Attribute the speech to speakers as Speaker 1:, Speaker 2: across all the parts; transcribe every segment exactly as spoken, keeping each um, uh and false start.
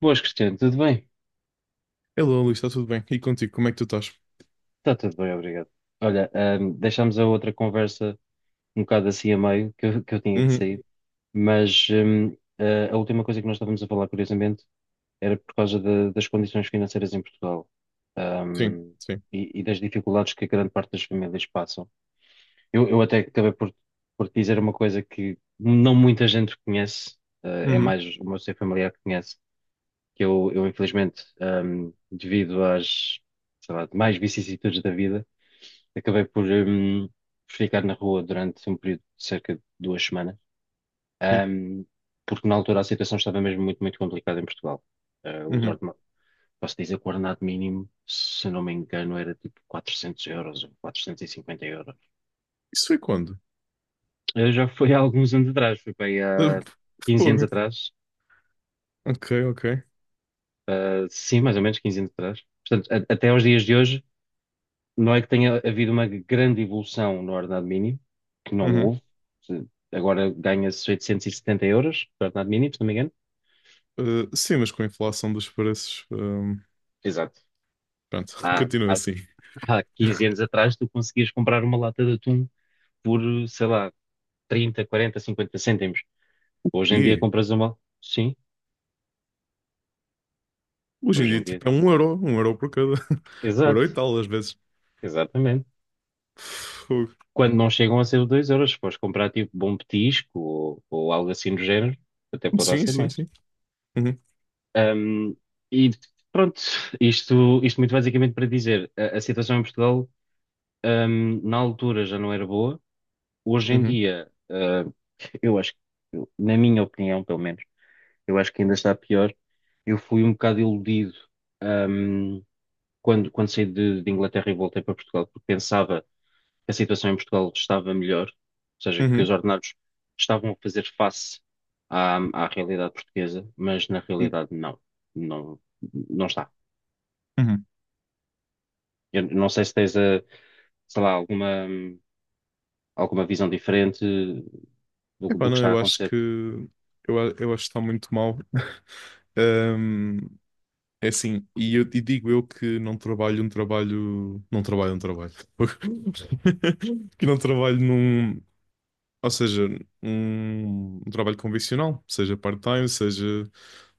Speaker 1: Boas, Cristiano, tudo bem?
Speaker 2: Hello, Luís, está tudo bem? E contigo, como é que tu estás?
Speaker 1: Está tudo bem, obrigado. Olha, ahm, deixámos a outra conversa um bocado assim a meio, que eu, que eu tinha que
Speaker 2: Uhum,
Speaker 1: sair, mas ahm, a a última coisa que nós estávamos a falar, curiosamente, era por causa da- das condições financeiras em Portugal,
Speaker 2: sim,
Speaker 1: ahm,
Speaker 2: sim.
Speaker 1: e, e das dificuldades que a grande parte das famílias passam. Eu, eu até acabei por, por te dizer uma coisa que não muita gente conhece, ah, é
Speaker 2: Uhum,
Speaker 1: mais o meu ser familiar que conhece, que eu, eu infelizmente, ahm, devido às, sei lá, mais vicissitudes da vida, acabei por, hum, por ficar na rua durante um período de cerca de duas semanas,
Speaker 2: sim,
Speaker 1: hum, porque na altura a situação estava mesmo muito, muito complicada em Portugal. Eh, os
Speaker 2: uhum.
Speaker 1: ordena- posso dizer que o ordenado mínimo, se não me engano, era tipo quatrocentos euros ou quatrocentos e cinquenta euros.
Speaker 2: Isso foi quando?
Speaker 1: Eh, já foi há alguns anos atrás, foi bem
Speaker 2: Uh,
Speaker 1: há quinze anos
Speaker 2: Fogo.
Speaker 1: atrás,
Speaker 2: Ok, ok.
Speaker 1: eh, sim, mais ou menos quinze anos atrás. Portanto, a- até aos dias de hoje não é que tenha havido uma grande evolução no ordenado mínimo, que não
Speaker 2: Uhum.
Speaker 1: houve. Se- agora ganha-se oitocentos e setenta euros por ordenado mínimo, se não me engano.
Speaker 2: Uh, sim, mas com a inflação dos preços, um,
Speaker 1: Exato.
Speaker 2: pronto,
Speaker 1: Há,
Speaker 2: continua
Speaker 1: há,
Speaker 2: assim.
Speaker 1: há quinze anos atrás tu conseguias comprar uma lata de atum por, sei lá, trinta, quarenta, cinquenta cêntimos. Hoje em dia
Speaker 2: E
Speaker 1: compras uma... Sim,
Speaker 2: hoje em
Speaker 1: hoje
Speaker 2: dia,
Speaker 1: em dia.
Speaker 2: tipo, é um euro, um euro por cada. Um euro
Speaker 1: Exato,
Speaker 2: e tal, às vezes.
Speaker 1: exatamente.
Speaker 2: Fogo.
Speaker 1: Quando não chegam a ser os dois euros, se fores comprar tipo bom petisco ou, ou algo assim do género, até poderá
Speaker 2: Sim,
Speaker 1: ser
Speaker 2: sim,
Speaker 1: mais.
Speaker 2: sim. Uhum,
Speaker 1: Um, e pronto, isto, isto muito basicamente para dizer, a, a situação em Portugal, um, na altura já não era boa, hoje em
Speaker 2: uhum,
Speaker 1: dia, uh, eu acho, que- eu- na minha opinião, pelo menos, eu acho que ainda está pior. Eu fui um bocado iludido, um, quando, quando saí de, de Inglaterra e voltei para Portugal, porque pensava que a situação em Portugal estava melhor, ou seja, que
Speaker 2: uhum,
Speaker 1: os ordenados estavam a fazer face à, à realidade portuguesa, mas na realidade não, não, não está.
Speaker 2: uhum.
Speaker 1: Eu não sei se tens, eh, sei lá, alguma, hum, alguma visão diferente do,
Speaker 2: Epá,
Speaker 1: do que
Speaker 2: não,
Speaker 1: está a
Speaker 2: eu acho
Speaker 1: acontecer.
Speaker 2: que. Eu, a- eu acho que está muito mal. É assim, e eu e digo eu que não trabalho um trabalho. Não trabalho um trabalho. Que não trabalho num. Ou seja, um, um trabalho convencional, seja part-time, seja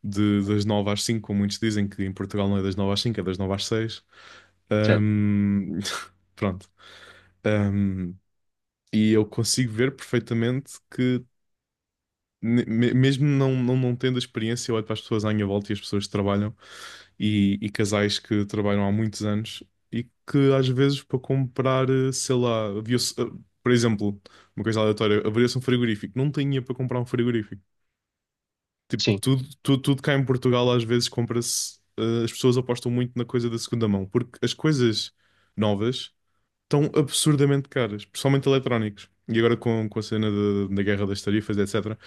Speaker 2: de, das nove às cinco, como muitos dizem que em Portugal não é das nove às cinco, é das nove às seis.
Speaker 1: Certo?
Speaker 2: Ahm, Pronto. Ahm, e eu consigo ver perfeitamente que, ne- me- mesmo não, não, não tendo a experiência, eu olho para as pessoas à minha volta e as pessoas que trabalham, e, e casais que trabalham há muitos anos e que às vezes para comprar, eh, sei lá, havia-se, eh, por exemplo, uma coisa aleatória, abria-se um frigorífico, não tinha para comprar um frigorífico. Tipo,
Speaker 1: Sim,
Speaker 2: tudo, tudo, tudo cá em Portugal às vezes compra-se, eh, as pessoas apostam muito na coisa da segunda mão, porque as coisas novas estão absurdamente caras, principalmente eletrónicos. E agora com, com a cena da da guerra das tarifas, etcétera.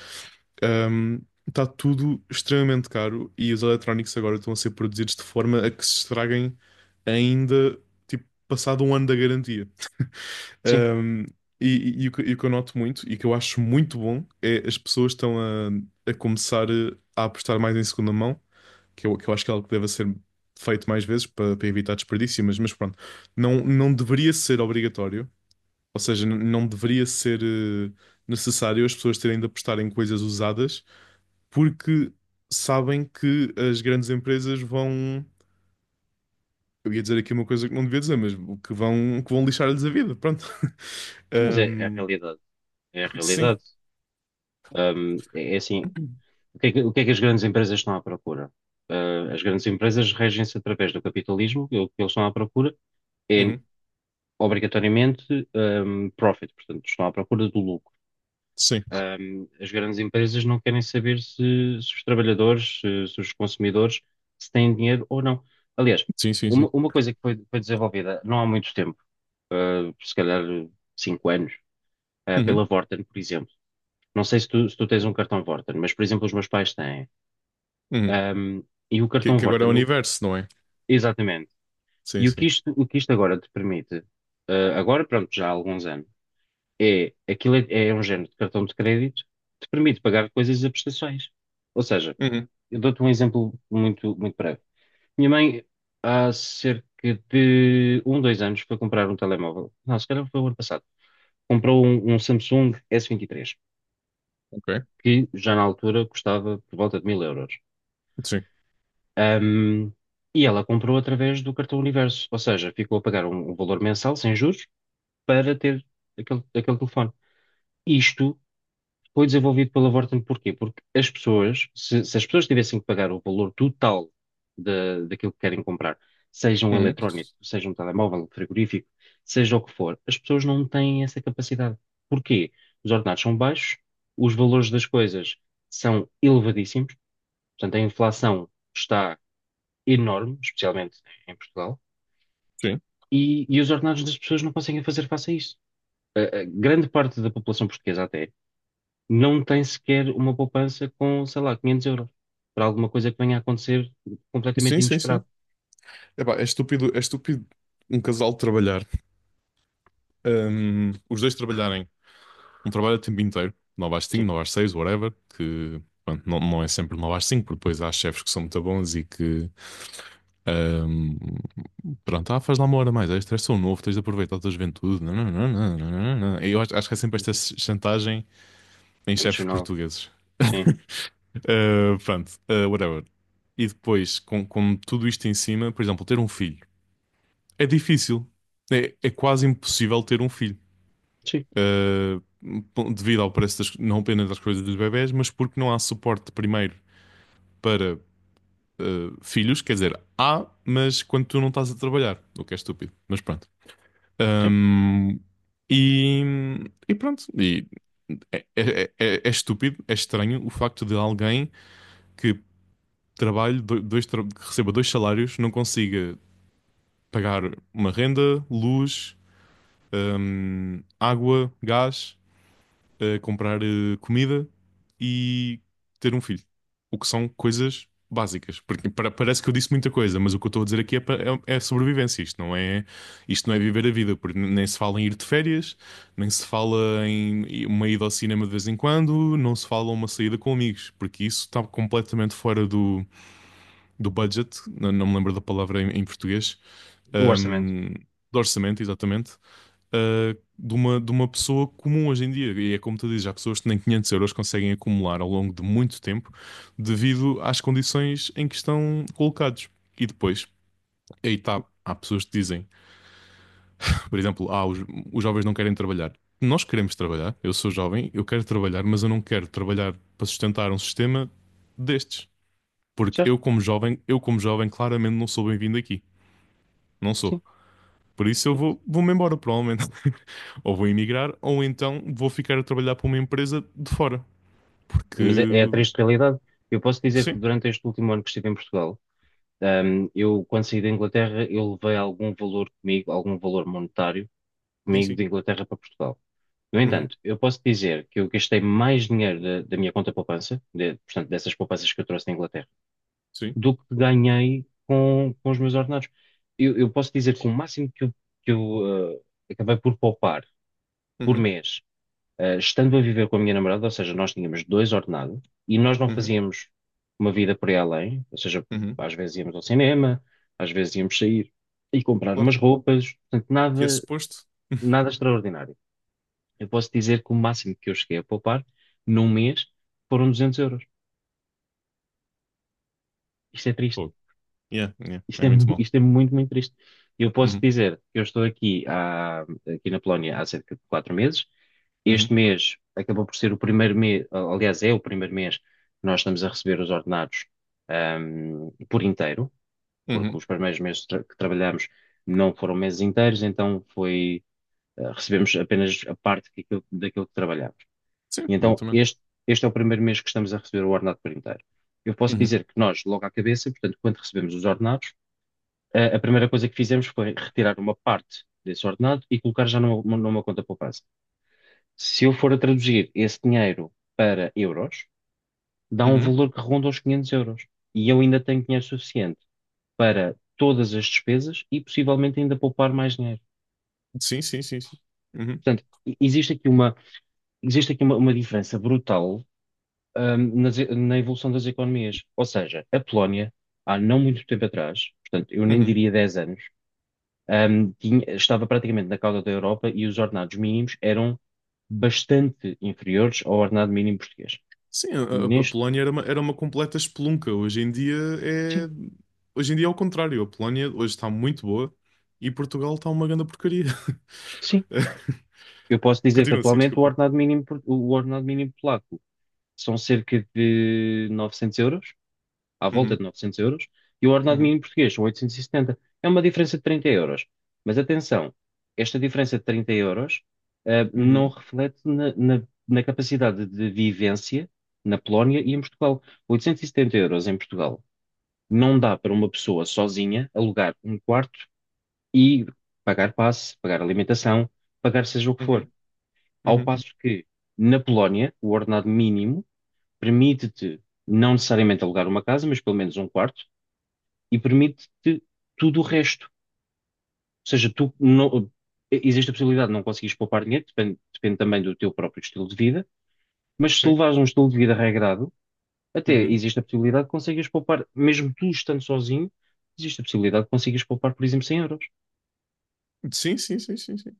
Speaker 2: Ahm, Está tudo extremamente caro e os eletrónicos agora estão a ser produzidos de forma a que se estraguem ainda, tipo, passado um ano da garantia.
Speaker 1: sim.
Speaker 2: Ahm, e, e- e o que, e o que eu noto muito e que eu acho muito bom é as pessoas estão a, a começar a apostar mais em segunda mão, que eu, que eu acho que é algo que deve ser feito mais vezes para, para evitar desperdício, mas, mas pronto, não, não deveria ser obrigatório, ou seja, n- não deveria ser eh, necessário as pessoas terem de apostar em coisas usadas porque sabem que as grandes empresas vão. Eu ia dizer aqui uma coisa que não devia dizer, mas o que vão, que vão lixar-lhes a vida, pronto.
Speaker 1: Sim, mas é, é a
Speaker 2: Um,
Speaker 1: realidade. É a
Speaker 2: sim.
Speaker 1: realidade. Hum, é, é assim, o que é que, o que é que as grandes empresas estão à procura? Ah, as grandes empresas regem-se através do capitalismo, e o que eles estão à procura é,
Speaker 2: Uhum.
Speaker 1: obrigatoriamente, hum, profit, portanto, estão à procura do lucro.
Speaker 2: Sim.
Speaker 1: Um, as grandes empresas não querem saber se, se os trabalhadores, se, se os consumidores, se têm dinheiro ou não. Aliás,
Speaker 2: Sim, sim, sim.
Speaker 1: uma, uma coisa que foi, foi desenvolvida não há muito tempo, uh, se calhar cinco anos, uh,
Speaker 2: Uhum.
Speaker 1: pela Vorten, por exemplo. Não sei se tu, se tu tens um cartão Vorten, mas, por exemplo, os meus pais têm.
Speaker 2: Uhum.
Speaker 1: Um, e o
Speaker 2: Que,
Speaker 1: cartão
Speaker 2: que agora é o
Speaker 1: Vorten, o-
Speaker 2: universo, não é?
Speaker 1: exatamente.
Speaker 2: Sim,
Speaker 1: E o
Speaker 2: sim.
Speaker 1: que isto, o que isto agora te permite, uh, agora, pronto, já há alguns anos, é, aquilo é, é um género de cartão de crédito que te permite pagar coisas a prestações. Ou seja,
Speaker 2: Uhum.
Speaker 1: eu dou-te um exemplo muito, muito breve. Minha mãe, há cerca de um, dois anos, foi comprar um telemóvel. Não, se calhar foi o ano passado. Comprou um, um Samsung s vinte e três
Speaker 2: Ok.
Speaker 1: que já na altura custava por volta de mil euros.
Speaker 2: Sim.
Speaker 1: Ahm, e ela comprou através do cartão Universo, ou seja, ficou a pagar um, um valor mensal, sem juros, para ter aquele, aquele telefone. Isto foi desenvolvido pela Vorten porquê? Porque as pessoas, se, se as pessoas tivessem que pagar o valor total da daquilo que querem comprar, seja um
Speaker 2: Uhum.
Speaker 1: eletrónico, seja um telemóvel, um frigorífico, seja o que for, as pessoas não têm essa capacidade. Porquê? Os ordenados são baixos, os valores das coisas são elevadíssimos, portanto a inflação está enorme, especialmente em Portugal,
Speaker 2: Sim.
Speaker 1: e, e os ordenados das pessoas não conseguem fazer face a isso. A- a grande parte da população portuguesa até não tem sequer uma poupança com, sei lá, quinhentos euros para alguma coisa que venha a acontecer completamente
Speaker 2: Sim, sim,
Speaker 1: inesperado.
Speaker 2: sim. Epá, é estúpido, é estúpido um casal trabalhar. Um, os dois trabalharem um trabalho a tempo inteiro, nove às cinco,
Speaker 1: Sim,
Speaker 2: nove às seis, whatever, que pronto, não, não é sempre nove às cinco, porque depois há chefes que são muito bons e que ahm, pronto, ah, faz lá uma hora mais, extra, és tão novo, tens de aproveitar a tua juventude. Não, não, não, não, não, não, não. Eu acho, acho que é sempre esta
Speaker 1: uhum,
Speaker 2: chantagem em chefes
Speaker 1: emocional,
Speaker 2: portugueses.
Speaker 1: sim,
Speaker 2: Ah, pronto, ah, whatever. E depois, com, com tudo isto em cima, por exemplo, ter um filho é difícil. É, é quase impossível ter um filho.
Speaker 1: sim,
Speaker 2: eh, po- Devido ao preço das, não apenas das coisas dos bebés, mas porque não há suporte primeiro para eh, filhos, quer dizer, há, mas quando tu não estás a trabalhar, o que é estúpido, mas pronto.
Speaker 1: sim.
Speaker 2: Ahm, e, e pronto, e é, é- é- é é estúpido, é estranho o facto de alguém que trabalhe, do- dois, tra- que receba dois salários, não consiga pagar uma renda, luz, ahm, água, gás. eh, comprar eh, comida e ter um filho. O que são coisas básicas. Porque pa- parece que eu disse muita coisa, mas o que eu estou a dizer aqui é, pa- é- é sobrevivência. Isto não é, isto não é viver a vida, porque n- nem se fala em ir de férias, nem se fala em i- uma ida ao cinema de vez em quando, não se fala uma saída com amigos, porque isso está completamente fora do, do budget, não, não me lembro da palavra em, em, português.
Speaker 1: O orçamento,
Speaker 2: Ahm, do orçamento, exatamente. Ah, de uma, de uma pessoa comum hoje em dia. E é como tu dizes, há pessoas que nem quinhentos euros conseguem acumular ao longo de muito tempo devido às condições em que estão colocados. E depois, aí está, há pessoas que dizem, por exemplo, ah, os, os jovens não querem trabalhar. Nós queremos trabalhar, eu sou jovem, eu quero trabalhar, mas eu não quero trabalhar para sustentar um sistema destes. Porque
Speaker 1: certo?
Speaker 2: eu, como jovem, eu como jovem, claramente não sou bem-vindo aqui. Não
Speaker 1: Sim,
Speaker 2: sou. Por isso eu
Speaker 1: sim.
Speaker 2: vou, vou-me embora, provavelmente. Ou vou emigrar, ou então vou ficar a trabalhar para uma empresa de fora. Porque.
Speaker 1: Mas é, é a triste realidade. Eu posso dizer que
Speaker 2: Sim,
Speaker 1: durante este último ano que estive em Portugal, ahm, eu, quando saí da Inglaterra, eu levei algum valor comigo, algum valor monetário
Speaker 2: sim,
Speaker 1: comigo
Speaker 2: sim.
Speaker 1: de Inglaterra para Portugal. No
Speaker 2: Uhum,
Speaker 1: entanto, eu posso dizer que eu gastei mais dinheiro da, da minha conta poupança, de- portanto, dessas poupanças que eu trouxe da Inglaterra
Speaker 2: sim.
Speaker 1: do que ganhei com, com os meus ordenados. Eu, eu posso dizer que o máximo que eu, que eu, eh, acabei por poupar por
Speaker 2: Uhum,
Speaker 1: mês, eh, estando a viver com a minha namorada, ou seja, nós tínhamos dois ordenados e nós não
Speaker 2: uhum,
Speaker 1: fazíamos uma vida por aí além, ou seja,
Speaker 2: uhum.
Speaker 1: às vezes íamos ao cinema, às vezes íamos sair e comprar
Speaker 2: Claro.
Speaker 1: umas roupas, portanto,
Speaker 2: Que é
Speaker 1: nada,
Speaker 2: suposto.
Speaker 1: nada extraordinário. Eu posso dizer que o máximo que eu cheguei a poupar num mês foram duzentos euros. Isto é triste.
Speaker 2: Pô, yeah, yeah,
Speaker 1: Isto
Speaker 2: é
Speaker 1: é,
Speaker 2: muito
Speaker 1: mu-
Speaker 2: mal.
Speaker 1: isto é muito, muito triste. Eu posso
Speaker 2: Uhum,
Speaker 1: dizer que eu estou aqui, há, aqui na Polónia há cerca de quatro meses. Este
Speaker 2: uhum,
Speaker 1: mês acabou por ser o primeiro mês, aliás, é o primeiro mês que nós estamos a receber os ordenados, ahm, por inteiro, porque
Speaker 2: uhum.
Speaker 1: os primeiros meses tra- que trabalhamos não foram meses inteiros, então foi, ah, recebemos apenas a parte que aquilo- daquilo que trabalhamos. E
Speaker 2: Sim,
Speaker 1: então
Speaker 2: exatamente.
Speaker 1: este, este é o primeiro mês que estamos a receber o ordenado por inteiro. Eu posso
Speaker 2: Uhum,
Speaker 1: dizer que nós, logo à cabeça, portanto, quando recebemos os ordenados, a, a primeira coisa que fizemos foi retirar uma parte desse ordenado e colocar já numa, numa conta poupança. Se eu for a traduzir esse dinheiro para euros, dá um
Speaker 2: uhum.
Speaker 1: valor que ronda os quinhentos euros. E eu ainda tenho dinheiro suficiente para todas as despesas e possivelmente ainda poupar mais dinheiro.
Speaker 2: Sim, sim, sim, sim. Uhum,
Speaker 1: Portanto, e- existe aqui uma, existe aqui uma, uma diferença brutal, hum, nas- na evolução das economias. Ou seja, a Polónia, há não muito tempo atrás, portanto, eu nem
Speaker 2: uhum.
Speaker 1: diria dez anos, ahm, tinha- estava praticamente na cauda da Europa e os ordenados mínimos eram bastante inferiores ao ordenado mínimo português.
Speaker 2: Sim, a, a- a
Speaker 1: Neste,
Speaker 2: Polónia era uma, era uma completa espelunca. Hoje em dia
Speaker 1: sim,
Speaker 2: é. Hoje em dia é o contrário. A Polónia hoje está muito boa e Portugal está uma grande porcaria.
Speaker 1: sim. Eu posso dizer que
Speaker 2: Continua assim,
Speaker 1: atualmente o
Speaker 2: desculpa.
Speaker 1: ordenado mínimo, por- o ordenado mínimo polaco são cerca de novecentos euros à volta
Speaker 2: Uhum,
Speaker 1: de novecentos euros e o ordenado
Speaker 2: uhum,
Speaker 1: mínimo português são oitocentos e setenta. É uma diferença de trinta euros. Mas atenção, esta diferença de trinta euros, eh, não
Speaker 2: uhum.
Speaker 1: reflete na, na- na capacidade de vivência na Polónia e em Portugal. oitocentos e setenta euros em Portugal não dá para uma pessoa sozinha alugar um quarto e pagar passe, pagar alimentação, pagar seja o que for.
Speaker 2: Uhum,
Speaker 1: Ao
Speaker 2: uhum,
Speaker 1: passo que na Polónia, o ordenado mínimo permite-te não necessariamente alugar uma casa, mas pelo menos um quarto, e permite-te tudo o resto. Ou seja, tu não- existe a possibilidade de não conseguires poupar dinheiro, depende, depende também do teu próprio estilo de vida, mas se
Speaker 2: sim,
Speaker 1: levares um estilo de vida regrado, até
Speaker 2: uhum.
Speaker 1: existe a possibilidade de conseguires poupar, mesmo tu estando sozinho, existe a possibilidade de conseguires poupar, por exemplo, cem euros.
Speaker 2: Sim, sim, sim, sim, sim.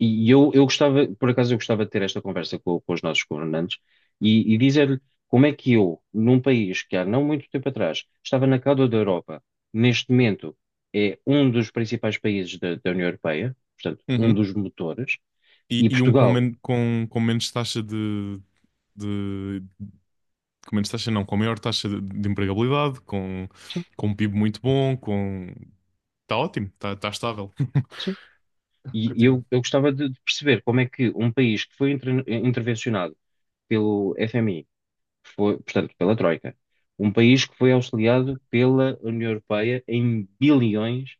Speaker 1: E eu, eu gostava, por acaso, eu gostava de ter esta conversa com, com os nossos governantes e, e dizer-lhe como é que eu, num país que há não muito tempo atrás estava na cauda da Europa, neste momento é um dos principais países da, da União Europeia, portanto, um
Speaker 2: Uhum.
Speaker 1: dos motores,
Speaker 2: E,
Speaker 1: e
Speaker 2: e um com,
Speaker 1: Portugal,
Speaker 2: men com, com menos taxa de, de. Com menos taxa, não, com maior taxa de, de empregabilidade, com,
Speaker 1: sim,
Speaker 2: com um PIB muito bom, com. Está ótimo, está tá tá estável.
Speaker 1: sim. E
Speaker 2: Continua.
Speaker 1: eu, eu gostava de, de perceber como é que um país que foi inter- intervencionado pelo F M I, que foi, portanto, pela Troika, um país que foi auxiliado pela União Europeia em bilhões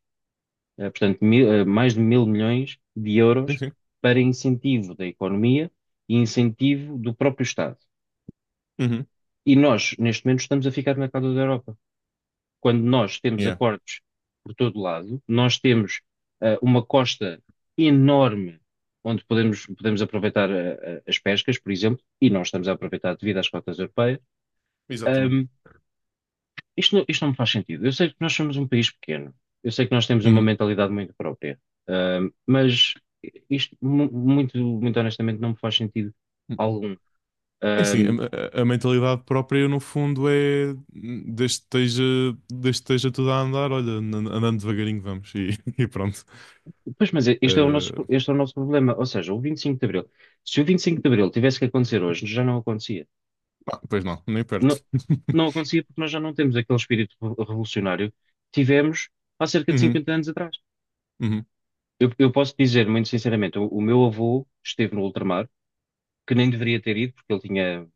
Speaker 1: eh, portanto, mil- eh, mais de mil milhões de
Speaker 2: Sim,
Speaker 1: euros
Speaker 2: sim.
Speaker 1: para incentivo da economia e incentivo do próprio Estado.
Speaker 2: Uhum.
Speaker 1: E nós, neste momento, estamos a ficar na cauda da Europa. Quando nós temos
Speaker 2: Yeah.
Speaker 1: acordos por todo lado, nós temos eh, uma costa enorme onde podemos, podemos aproveitar eh, eh, as pescas, por exemplo, e nós estamos a aproveitar devido às cotas europeias.
Speaker 2: Exatamente.
Speaker 1: ehm, Isto, não- isto não me faz sentido. Eu sei que nós somos um país pequeno, eu sei que nós temos uma
Speaker 2: Uhum.
Speaker 1: mentalidade muito própria, Ahm, mas isto, mu- muito, muito honestamente, não me faz sentido algum.
Speaker 2: É assim,
Speaker 1: Ahm,
Speaker 2: a, a- a mentalidade própria no fundo é desde que esteja, desde que esteja tudo a andar, olha, an- andando devagarinho vamos e, e pronto.
Speaker 1: pois, mas este é o
Speaker 2: Eh,
Speaker 1: nosso, este é o nosso problema. Ou seja, o vinte e cinco de Abril. Se o vinte e cinco de Abril tivesse que acontecer hoje, já não acontecia.
Speaker 2: ah, Pois não, nem
Speaker 1: Não,
Speaker 2: perto.
Speaker 1: não acontecia porque nós já não temos aquele espírito revo- revolucionário que tivemos há cerca de
Speaker 2: Uhum,
Speaker 1: cinquenta anos atrás.
Speaker 2: uhum,
Speaker 1: Eu, eu posso dizer, muito sinceramente, o, o meu avô esteve no ultramar, que nem deveria ter ido, porque ele tinha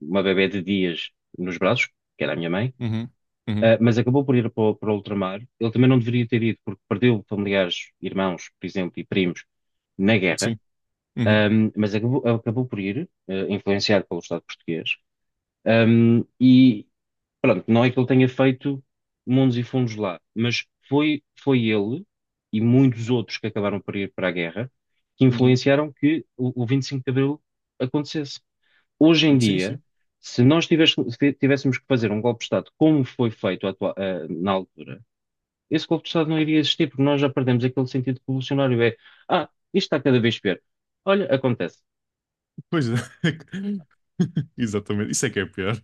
Speaker 1: uma bebé de dias nos braços, que era a minha mãe,
Speaker 2: uhum, uhum,
Speaker 1: ah, mas acabou por ir para, o- para o ultramar. Ele também não deveria ter ido, porque perdeu familiares, irmãos, por exemplo, e primos na guerra,
Speaker 2: sim, uhum,
Speaker 1: ahm, mas acabou, acabou por ir, eh, influenciado pelo Estado português. Ahm, e pronto, não é que ele tenha feito mundos e fundos lá, mas foi, foi ele e muitos outros que acabaram por ir para a guerra que
Speaker 2: uhum,
Speaker 1: influenciaram que o, o vinte e cinco de Abril acontecesse. Hoje em
Speaker 2: sim,
Speaker 1: dia,
Speaker 2: sim.
Speaker 1: se nós tives- se tivéssemos que fazer um golpe de Estado como foi feito atua- eh, na altura, esse golpe de Estado não iria existir, porque nós já perdemos aquele sentido revolucionário. É, ah, isto está cada vez pior. Olha, acontece.
Speaker 2: Pois é. Exatamente, isso é que é pior.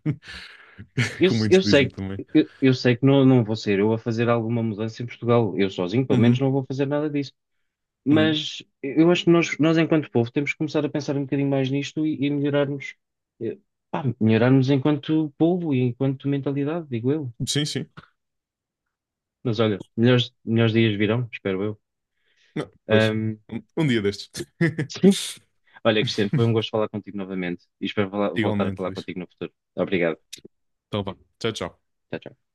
Speaker 1: Eu,
Speaker 2: Como
Speaker 1: se-
Speaker 2: muitos
Speaker 1: eu
Speaker 2: dizem
Speaker 1: sei,
Speaker 2: também.
Speaker 1: eu, eu sei que não, não vou ser eu a fazer alguma mudança em Portugal. Eu sozinho, pelo menos,
Speaker 2: Uhum,
Speaker 1: não vou fazer nada disso.
Speaker 2: uhum.
Speaker 1: Mas eu acho que nós, nós enquanto povo, temos que começar a pensar um bocadinho mais nisto e, e melhorarmos, eh, pá, melhorarmos enquanto povo e enquanto mentalidade, digo eu.
Speaker 2: Sim, sim.
Speaker 1: Mas olha, melhores, melhores dias virão, espero eu.
Speaker 2: Não, pois,
Speaker 1: Ahm,
Speaker 2: um, um dia destes.
Speaker 1: sim. Olha, Cristiano, foi um gosto falar contigo novamente e espero falar- voltar a
Speaker 2: Igualmente,
Speaker 1: falar
Speaker 2: Luís.
Speaker 1: contigo no futuro. Obrigado.
Speaker 2: Então vá, tchau, tchau.
Speaker 1: Tchau, tchau.